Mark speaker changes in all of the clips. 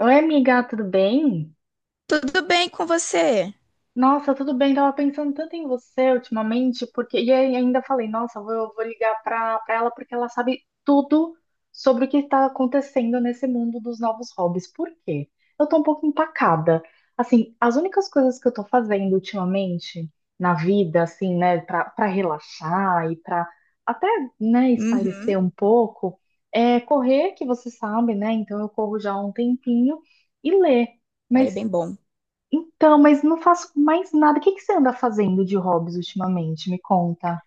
Speaker 1: Oi, amiga, tudo bem?
Speaker 2: Tudo bem com você?
Speaker 1: Nossa, tudo bem. Tava pensando tanto em você ultimamente, porque e aí ainda falei, nossa, vou ligar pra ela porque ela sabe tudo sobre o que está acontecendo nesse mundo dos novos hobbies. Por quê? Eu tô um pouco empacada. Assim, as únicas coisas que eu tô fazendo ultimamente na vida, assim, né, pra relaxar e pra até, né,
Speaker 2: Uhum.
Speaker 1: espairecer um pouco, é correr, que você sabe, né? Então eu corro já há um tempinho e ler.
Speaker 2: Aí é
Speaker 1: Mas
Speaker 2: bem bom.
Speaker 1: então, mas não faço mais nada. O que que você anda fazendo de hobbies ultimamente? Me conta.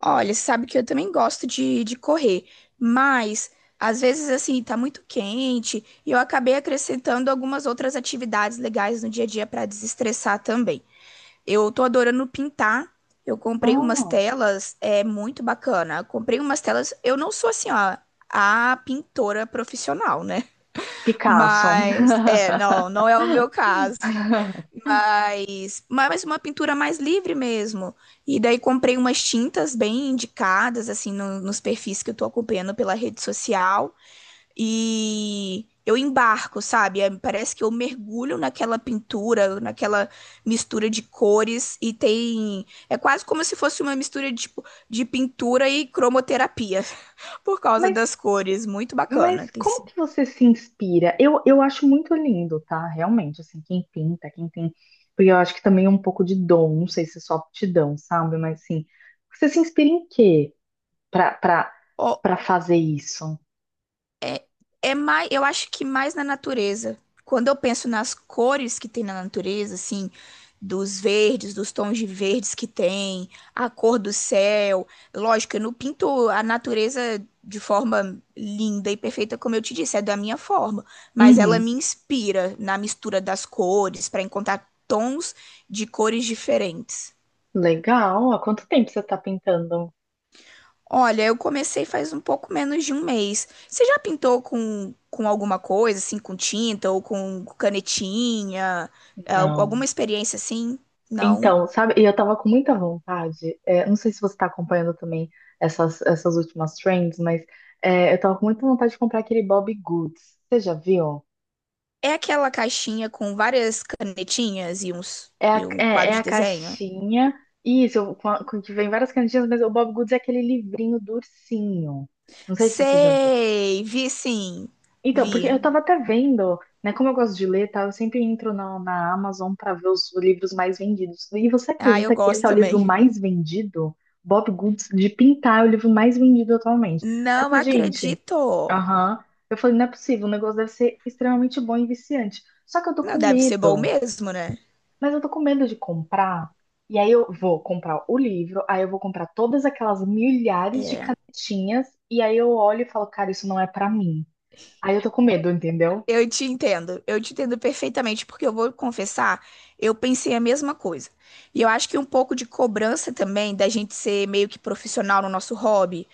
Speaker 2: Olha, você sabe que eu também gosto de correr, mas às vezes assim tá muito quente e eu acabei acrescentando algumas outras atividades legais no dia a dia para desestressar também. Eu tô adorando pintar. Eu comprei umas
Speaker 1: Ah,
Speaker 2: telas, é muito bacana. Eu comprei umas telas. Eu não sou assim, ó, a pintora profissional, né?
Speaker 1: Picasso.
Speaker 2: Mas não, não é o meu caso. Mas uma pintura mais livre mesmo. E daí comprei umas tintas bem indicadas, assim, nos perfis que eu tô acompanhando pela rede social. E eu embarco, sabe? Parece que eu mergulho naquela pintura, naquela mistura de cores. E tem. É quase como se fosse uma mistura de, tipo, de pintura e cromoterapia, por causa
Speaker 1: Mas,
Speaker 2: das cores. Muito bacana.
Speaker 1: mas
Speaker 2: Tem
Speaker 1: como
Speaker 2: sido.
Speaker 1: que você se inspira? Eu acho muito lindo, tá? Realmente, assim, quem pinta, quem tem. Porque eu acho que também é um pouco de dom, não sei se é só aptidão, sabe? Mas assim, você se inspira em quê pra, pra, pra fazer isso?
Speaker 2: É mais, eu acho que mais na natureza. Quando eu penso nas cores que tem na natureza, assim, dos verdes, dos tons de verdes que tem, a cor do céu. Lógico, eu não pinto a natureza de forma linda e perfeita, como eu te disse, é da minha forma, mas ela
Speaker 1: Uhum.
Speaker 2: me inspira na mistura das cores, para encontrar tons de cores diferentes.
Speaker 1: Legal. Há quanto tempo você tá pintando?
Speaker 2: Olha, eu comecei faz um pouco menos de um mês. Você já pintou com alguma coisa, assim, com tinta ou com canetinha? Alguma
Speaker 1: Não.
Speaker 2: experiência assim? Não.
Speaker 1: Então, sabe, e eu tava com muita vontade, não sei se você tá acompanhando também essas últimas trends, mas eu tava com muita vontade de comprar aquele Bobbie Goods. Você já viu?
Speaker 2: É aquela caixinha com várias canetinhas e uns
Speaker 1: É
Speaker 2: e
Speaker 1: a,
Speaker 2: um
Speaker 1: é, é
Speaker 2: quadro de
Speaker 1: a
Speaker 2: desenho?
Speaker 1: caixinha, isso, com que vem várias canetinhas, mas o Bobbie Goods é aquele livrinho do ursinho. Não sei se você já viu.
Speaker 2: Sei, vi sim.
Speaker 1: Então, porque
Speaker 2: Vi.
Speaker 1: eu tava até vendo, né? Como eu gosto de ler, tá? Eu sempre entro na Amazon pra ver os livros mais vendidos. E você
Speaker 2: Ah, eu
Speaker 1: acredita que esse
Speaker 2: gosto
Speaker 1: é o livro
Speaker 2: também.
Speaker 1: mais vendido? Bob Goods de Pintar é o livro mais vendido atualmente. Aí eu
Speaker 2: Não
Speaker 1: falei, gente,
Speaker 2: acredito.
Speaker 1: aham. Eu falei, não é possível, o negócio deve ser extremamente bom e viciante. Só que eu tô
Speaker 2: Não
Speaker 1: com
Speaker 2: deve ser bom
Speaker 1: medo.
Speaker 2: mesmo, né?
Speaker 1: Mas eu tô com medo de comprar. E aí eu vou comprar o livro, aí eu vou comprar todas aquelas milhares de
Speaker 2: É.
Speaker 1: canetinhas, e aí eu olho e falo, cara, isso não é pra mim. Aí eu tô com medo, entendeu?
Speaker 2: Eu te entendo perfeitamente, porque eu vou confessar, eu pensei a mesma coisa. E eu acho que um pouco de cobrança também da gente ser meio que profissional no nosso hobby,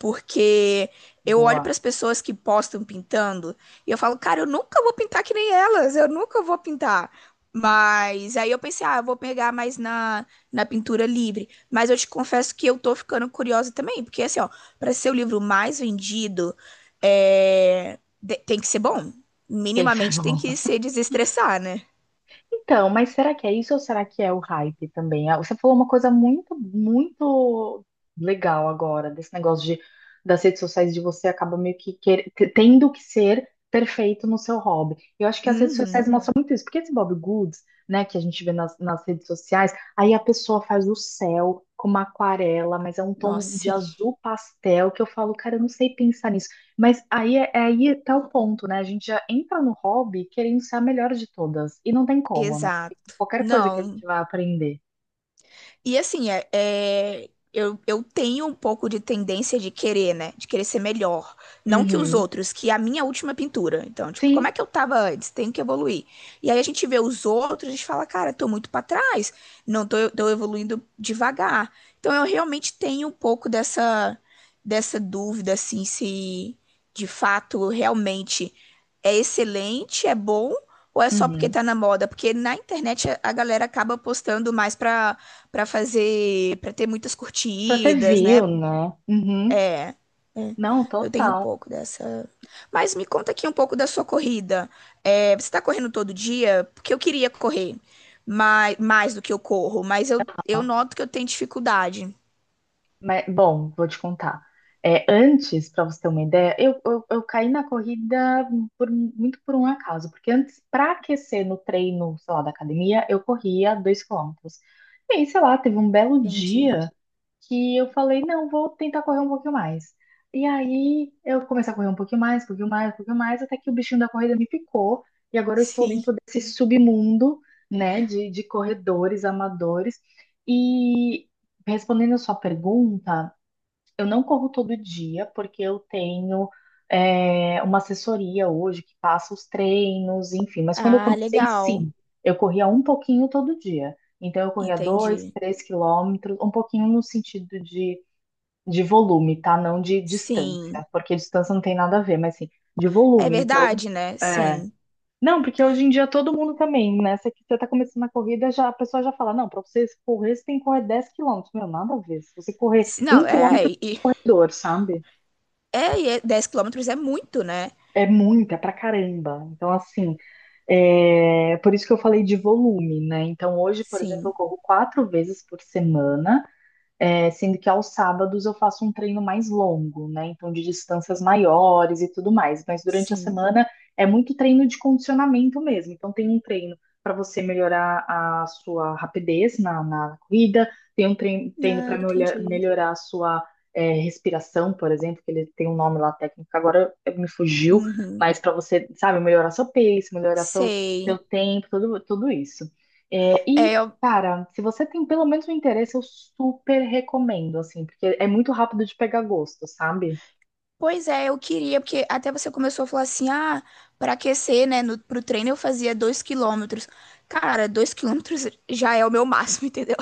Speaker 2: porque eu olho para
Speaker 1: Boa,
Speaker 2: as pessoas que postam pintando e eu falo, cara, eu nunca vou pintar que nem elas, eu nunca vou pintar. Mas aí eu pensei, ah, eu vou pegar mais na pintura livre. Mas eu te confesso que eu tô ficando curiosa também, porque assim, ó, para ser o livro mais vendido, tem que ser bom,
Speaker 1: tem que ser
Speaker 2: minimamente tem
Speaker 1: bom.
Speaker 2: que se desestressar, né?
Speaker 1: Então, mas será que é isso ou será que é o hype também? Ah, você falou uma coisa muito, muito legal agora, desse negócio de, das redes sociais, de você acaba meio que tendo que ser perfeito no seu hobby. Eu acho que as redes sociais
Speaker 2: Uhum.
Speaker 1: mostram muito isso, porque esse Bob Goods, né, que a gente vê nas redes sociais, aí a pessoa faz o céu com uma aquarela, mas é um
Speaker 2: Nossa,
Speaker 1: tom de
Speaker 2: sim.
Speaker 1: azul pastel que eu falo, cara, eu não sei pensar nisso. Mas aí, é aí tá o ponto, né? A gente já entra no hobby querendo ser a melhor de todas. E não tem como, né?
Speaker 2: Exato.
Speaker 1: Qualquer coisa que a
Speaker 2: Não,
Speaker 1: gente vai aprender.
Speaker 2: e assim, eu tenho um pouco de tendência de querer, né? De querer ser melhor. Não que os
Speaker 1: Uhum.
Speaker 2: outros, que é a minha última pintura. Então, tipo, como é
Speaker 1: Sim.
Speaker 2: que eu tava antes? Tenho que evoluir. E aí a gente vê os outros, a gente fala, cara, tô muito pra trás. Não tô, tô evoluindo devagar. Então, eu realmente tenho um pouco dessa dúvida, assim, se de fato realmente é excelente, é bom. Ou é só porque
Speaker 1: Uhum.
Speaker 2: tá na moda? Porque na internet a galera acaba postando mais pra. Pra fazer, pra ter muitas
Speaker 1: Pra ter
Speaker 2: curtidas,
Speaker 1: view,
Speaker 2: né?
Speaker 1: né? Uhum.
Speaker 2: É,
Speaker 1: Não,
Speaker 2: eu tenho um
Speaker 1: total.
Speaker 2: pouco dessa. Mas me conta aqui um pouco da sua corrida. É, você tá correndo todo dia? Porque eu queria correr mais, mais do que eu corro, mas eu noto que eu tenho dificuldade.
Speaker 1: Mas, bom, vou te contar. É, antes, para você ter uma ideia, eu caí na corrida muito por um acaso, porque antes, para aquecer no treino, sei lá, da academia, eu corria 2 km. E aí, sei lá, teve um belo
Speaker 2: Entendi.
Speaker 1: dia que eu falei, não, vou tentar correr um pouquinho mais. E aí eu comecei a correr um pouquinho mais, um pouquinho mais, um pouquinho mais, até que o bichinho da corrida me picou, e agora eu estou
Speaker 2: Sim.
Speaker 1: dentro desse submundo, né, de corredores amadores. E respondendo a sua pergunta, eu não corro todo dia, porque eu tenho uma assessoria hoje que passa os treinos, enfim. Mas quando eu
Speaker 2: Ah,
Speaker 1: comecei,
Speaker 2: legal.
Speaker 1: sim, eu corria um pouquinho todo dia. Então, eu corria dois,
Speaker 2: Entendi.
Speaker 1: três quilômetros, um pouquinho no sentido de, volume, tá? Não de
Speaker 2: Sim.
Speaker 1: distância, porque distância não tem nada a ver, mas sim, de
Speaker 2: É
Speaker 1: volume. Então,
Speaker 2: verdade, né?
Speaker 1: é.
Speaker 2: Sim.
Speaker 1: Não, porque hoje em dia todo mundo também, né? Você tá começando a corrida, já, a pessoa já fala, não, pra você correr, você tem que correr 10 km. Meu, nada a ver. Se você correr
Speaker 2: S-
Speaker 1: um
Speaker 2: Não, é,
Speaker 1: quilômetro,
Speaker 2: e-
Speaker 1: é dor, sabe?
Speaker 2: é, e é 10 quilômetros é muito, né?
Speaker 1: É muita pra caramba. Então, assim, é por isso que eu falei de volume, né? Então, hoje, por exemplo, eu
Speaker 2: Sim.
Speaker 1: corro quatro vezes por semana. É, sendo que aos sábados eu faço um treino mais longo, né? Então, de distâncias maiores e tudo mais. Mas durante a
Speaker 2: Sim.
Speaker 1: semana é muito treino de condicionamento mesmo. Então, tem um treino para você melhorar a sua rapidez na corrida, tem um treino,
Speaker 2: Ah,
Speaker 1: para
Speaker 2: entendi.
Speaker 1: melhorar a sua respiração, por exemplo, que ele tem um nome lá técnico, que agora me fugiu,
Speaker 2: Uhum.
Speaker 1: mas para você, sabe, melhorar seu pace, melhorar seu
Speaker 2: Sei.
Speaker 1: tempo, tudo isso. É, e
Speaker 2: É, eu-
Speaker 1: Cara, se você tem pelo menos um interesse, eu super recomendo, assim, porque é muito rápido de pegar gosto, sabe?
Speaker 2: Pois é, eu queria, porque até você começou a falar assim, ah, para aquecer, né, no, pro treino eu fazia dois quilômetros. Cara, dois quilômetros já é o meu máximo, entendeu?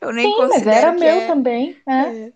Speaker 2: Eu nem
Speaker 1: Sim, mas era
Speaker 2: considero que
Speaker 1: meu
Speaker 2: é...
Speaker 1: também, né?
Speaker 2: É,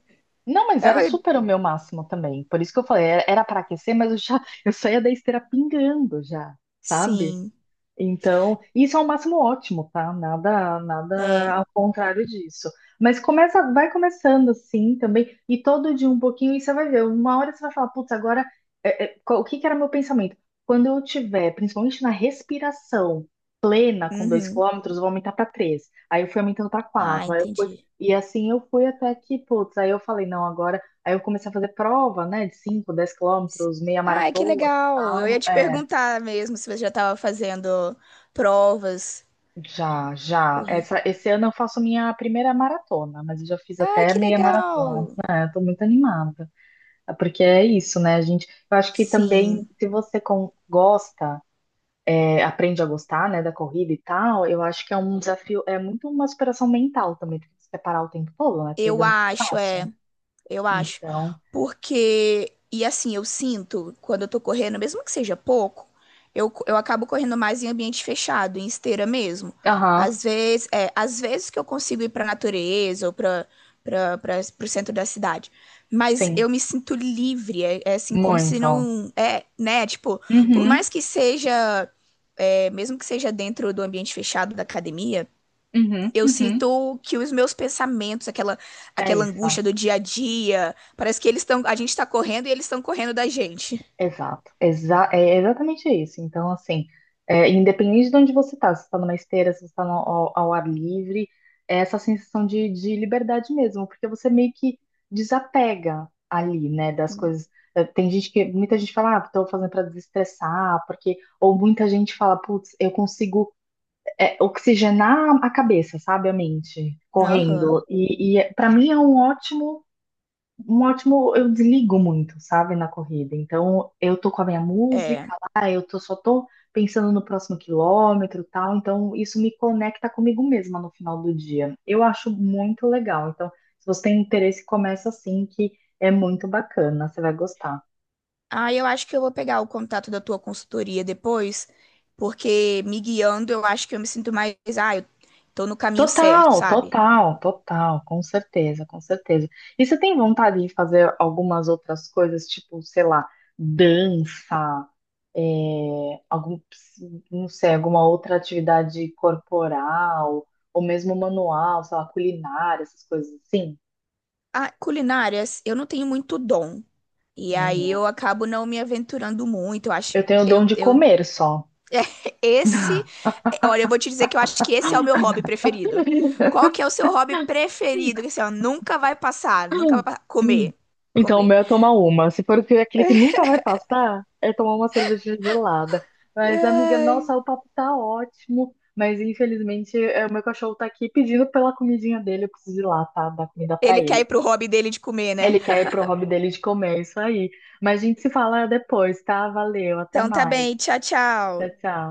Speaker 1: Não, mas
Speaker 2: é,
Speaker 1: era
Speaker 2: mas-
Speaker 1: super o meu máximo também. Por isso que eu falei, era para aquecer, mas eu já, eu saía da esteira pingando já, sabe?
Speaker 2: sim,
Speaker 1: Então, isso é o máximo ótimo, tá? Nada,
Speaker 2: é,
Speaker 1: nada ao contrário disso. Mas começa, vai começando assim também, e todo dia um pouquinho, e você vai ver. Uma hora você vai falar, putz, agora, o que que era meu pensamento? Quando eu tiver, principalmente na respiração plena com dois
Speaker 2: uhum.
Speaker 1: quilômetros, eu vou aumentar para três. Aí eu fui aumentando para
Speaker 2: Ah,
Speaker 1: quatro, aí eu fui.
Speaker 2: entendi.
Speaker 1: E assim eu fui até que, putz, aí eu falei, não, agora. Aí eu comecei a fazer prova, né, de 5, 10 km, meia
Speaker 2: Ai, que
Speaker 1: maratona e
Speaker 2: legal. Eu ia
Speaker 1: tal.
Speaker 2: te perguntar mesmo se você já estava fazendo provas,
Speaker 1: Já, já.
Speaker 2: corrida.
Speaker 1: Esse ano eu faço minha primeira maratona, mas eu já fiz
Speaker 2: Ai,
Speaker 1: até
Speaker 2: que
Speaker 1: meia maratona.
Speaker 2: legal.
Speaker 1: É, eu tô muito animada. Porque é isso, né, gente? Eu acho que também,
Speaker 2: Sim,
Speaker 1: se você gosta, aprende a gostar, né, da corrida e tal, eu acho que é um desafio, é muito uma superação mental também, porque você parar o tempo todo, né?
Speaker 2: eu
Speaker 1: Corrida não é
Speaker 2: acho,
Speaker 1: fácil.
Speaker 2: é. Eu acho.
Speaker 1: Então,
Speaker 2: Porque, e assim, eu sinto, quando eu tô correndo, mesmo que seja pouco, eu acabo correndo mais em ambiente fechado, em esteira mesmo.
Speaker 1: aham,
Speaker 2: Às vezes, é, às vezes que eu consigo ir pra natureza ou pro centro da cidade. Mas
Speaker 1: sim,
Speaker 2: eu me sinto livre, é, é assim, como se
Speaker 1: muito.
Speaker 2: não. É, né? Tipo, por
Speaker 1: Uhum,
Speaker 2: mais que seja. É, mesmo que seja dentro do ambiente fechado da academia,
Speaker 1: uhum,
Speaker 2: eu
Speaker 1: uhum.
Speaker 2: sinto que os meus pensamentos,
Speaker 1: É
Speaker 2: aquela
Speaker 1: isso.
Speaker 2: angústia do dia a dia, parece que eles estão, a gente tá correndo e eles estão correndo da gente.
Speaker 1: Exato, exatamente isso. Então, assim, independente de onde você está, se você está numa esteira, se você está ao ar livre, é essa sensação de, liberdade mesmo, porque você meio que desapega ali, né, das coisas. Tem gente que, muita gente fala, ah, estou fazendo para desestressar, porque, ou muita gente fala, putz, eu consigo oxigenar a cabeça, sabe, a mente,
Speaker 2: Aham,
Speaker 1: correndo. E para mim é um ótimo eu desligo muito, sabe, na corrida. Então, eu tô com a minha música
Speaker 2: é.
Speaker 1: lá, só tô pensando no próximo quilômetro, e tal. Então, isso me conecta comigo mesma no final do dia. Eu acho muito legal. Então, se você tem interesse, começa assim, que é muito bacana, você vai gostar.
Speaker 2: Ah, eu acho que eu vou pegar o contato da tua consultoria depois, porque me guiando, eu acho que eu me sinto mais, ah, eu tô no caminho certo,
Speaker 1: Total,
Speaker 2: sabe?
Speaker 1: total, total, com certeza, com certeza. E você tem vontade de fazer algumas outras coisas, tipo, sei lá, dança? é, algum, não sei, alguma outra atividade corporal, ou mesmo manual, sei lá, culinária, essas coisas assim?
Speaker 2: Ah, culinárias, eu não tenho muito dom. E
Speaker 1: Nem
Speaker 2: aí
Speaker 1: eu.
Speaker 2: eu acabo não me aventurando muito. Eu acho,
Speaker 1: Eu tenho o dom de
Speaker 2: eu
Speaker 1: comer só.
Speaker 2: Esse, olha, eu vou te dizer que eu acho que esse é o meu hobby preferido. Qual que é o seu hobby preferido? Que assim, ó, nunca vai passar, nunca vai passar. Comer.
Speaker 1: Então, o
Speaker 2: Comer.
Speaker 1: meu é tomar uma. Se for aquele que nunca vai passar, é tomar uma cerveja gelada. Mas, amiga,
Speaker 2: Ai,
Speaker 1: nossa, o papo tá ótimo. Mas, infelizmente, o meu cachorro tá aqui pedindo pela comidinha dele. Eu preciso ir lá, tá? Dar comida pra
Speaker 2: ele quer ir
Speaker 1: ele.
Speaker 2: pro hobby dele de comer, né?
Speaker 1: Ele quer ir pro hobby dele de comer, isso aí. Mas a gente se fala depois, tá? Valeu, até
Speaker 2: Então tá
Speaker 1: mais.
Speaker 2: bem, tchau,
Speaker 1: Tchau,
Speaker 2: tchau.
Speaker 1: tchau.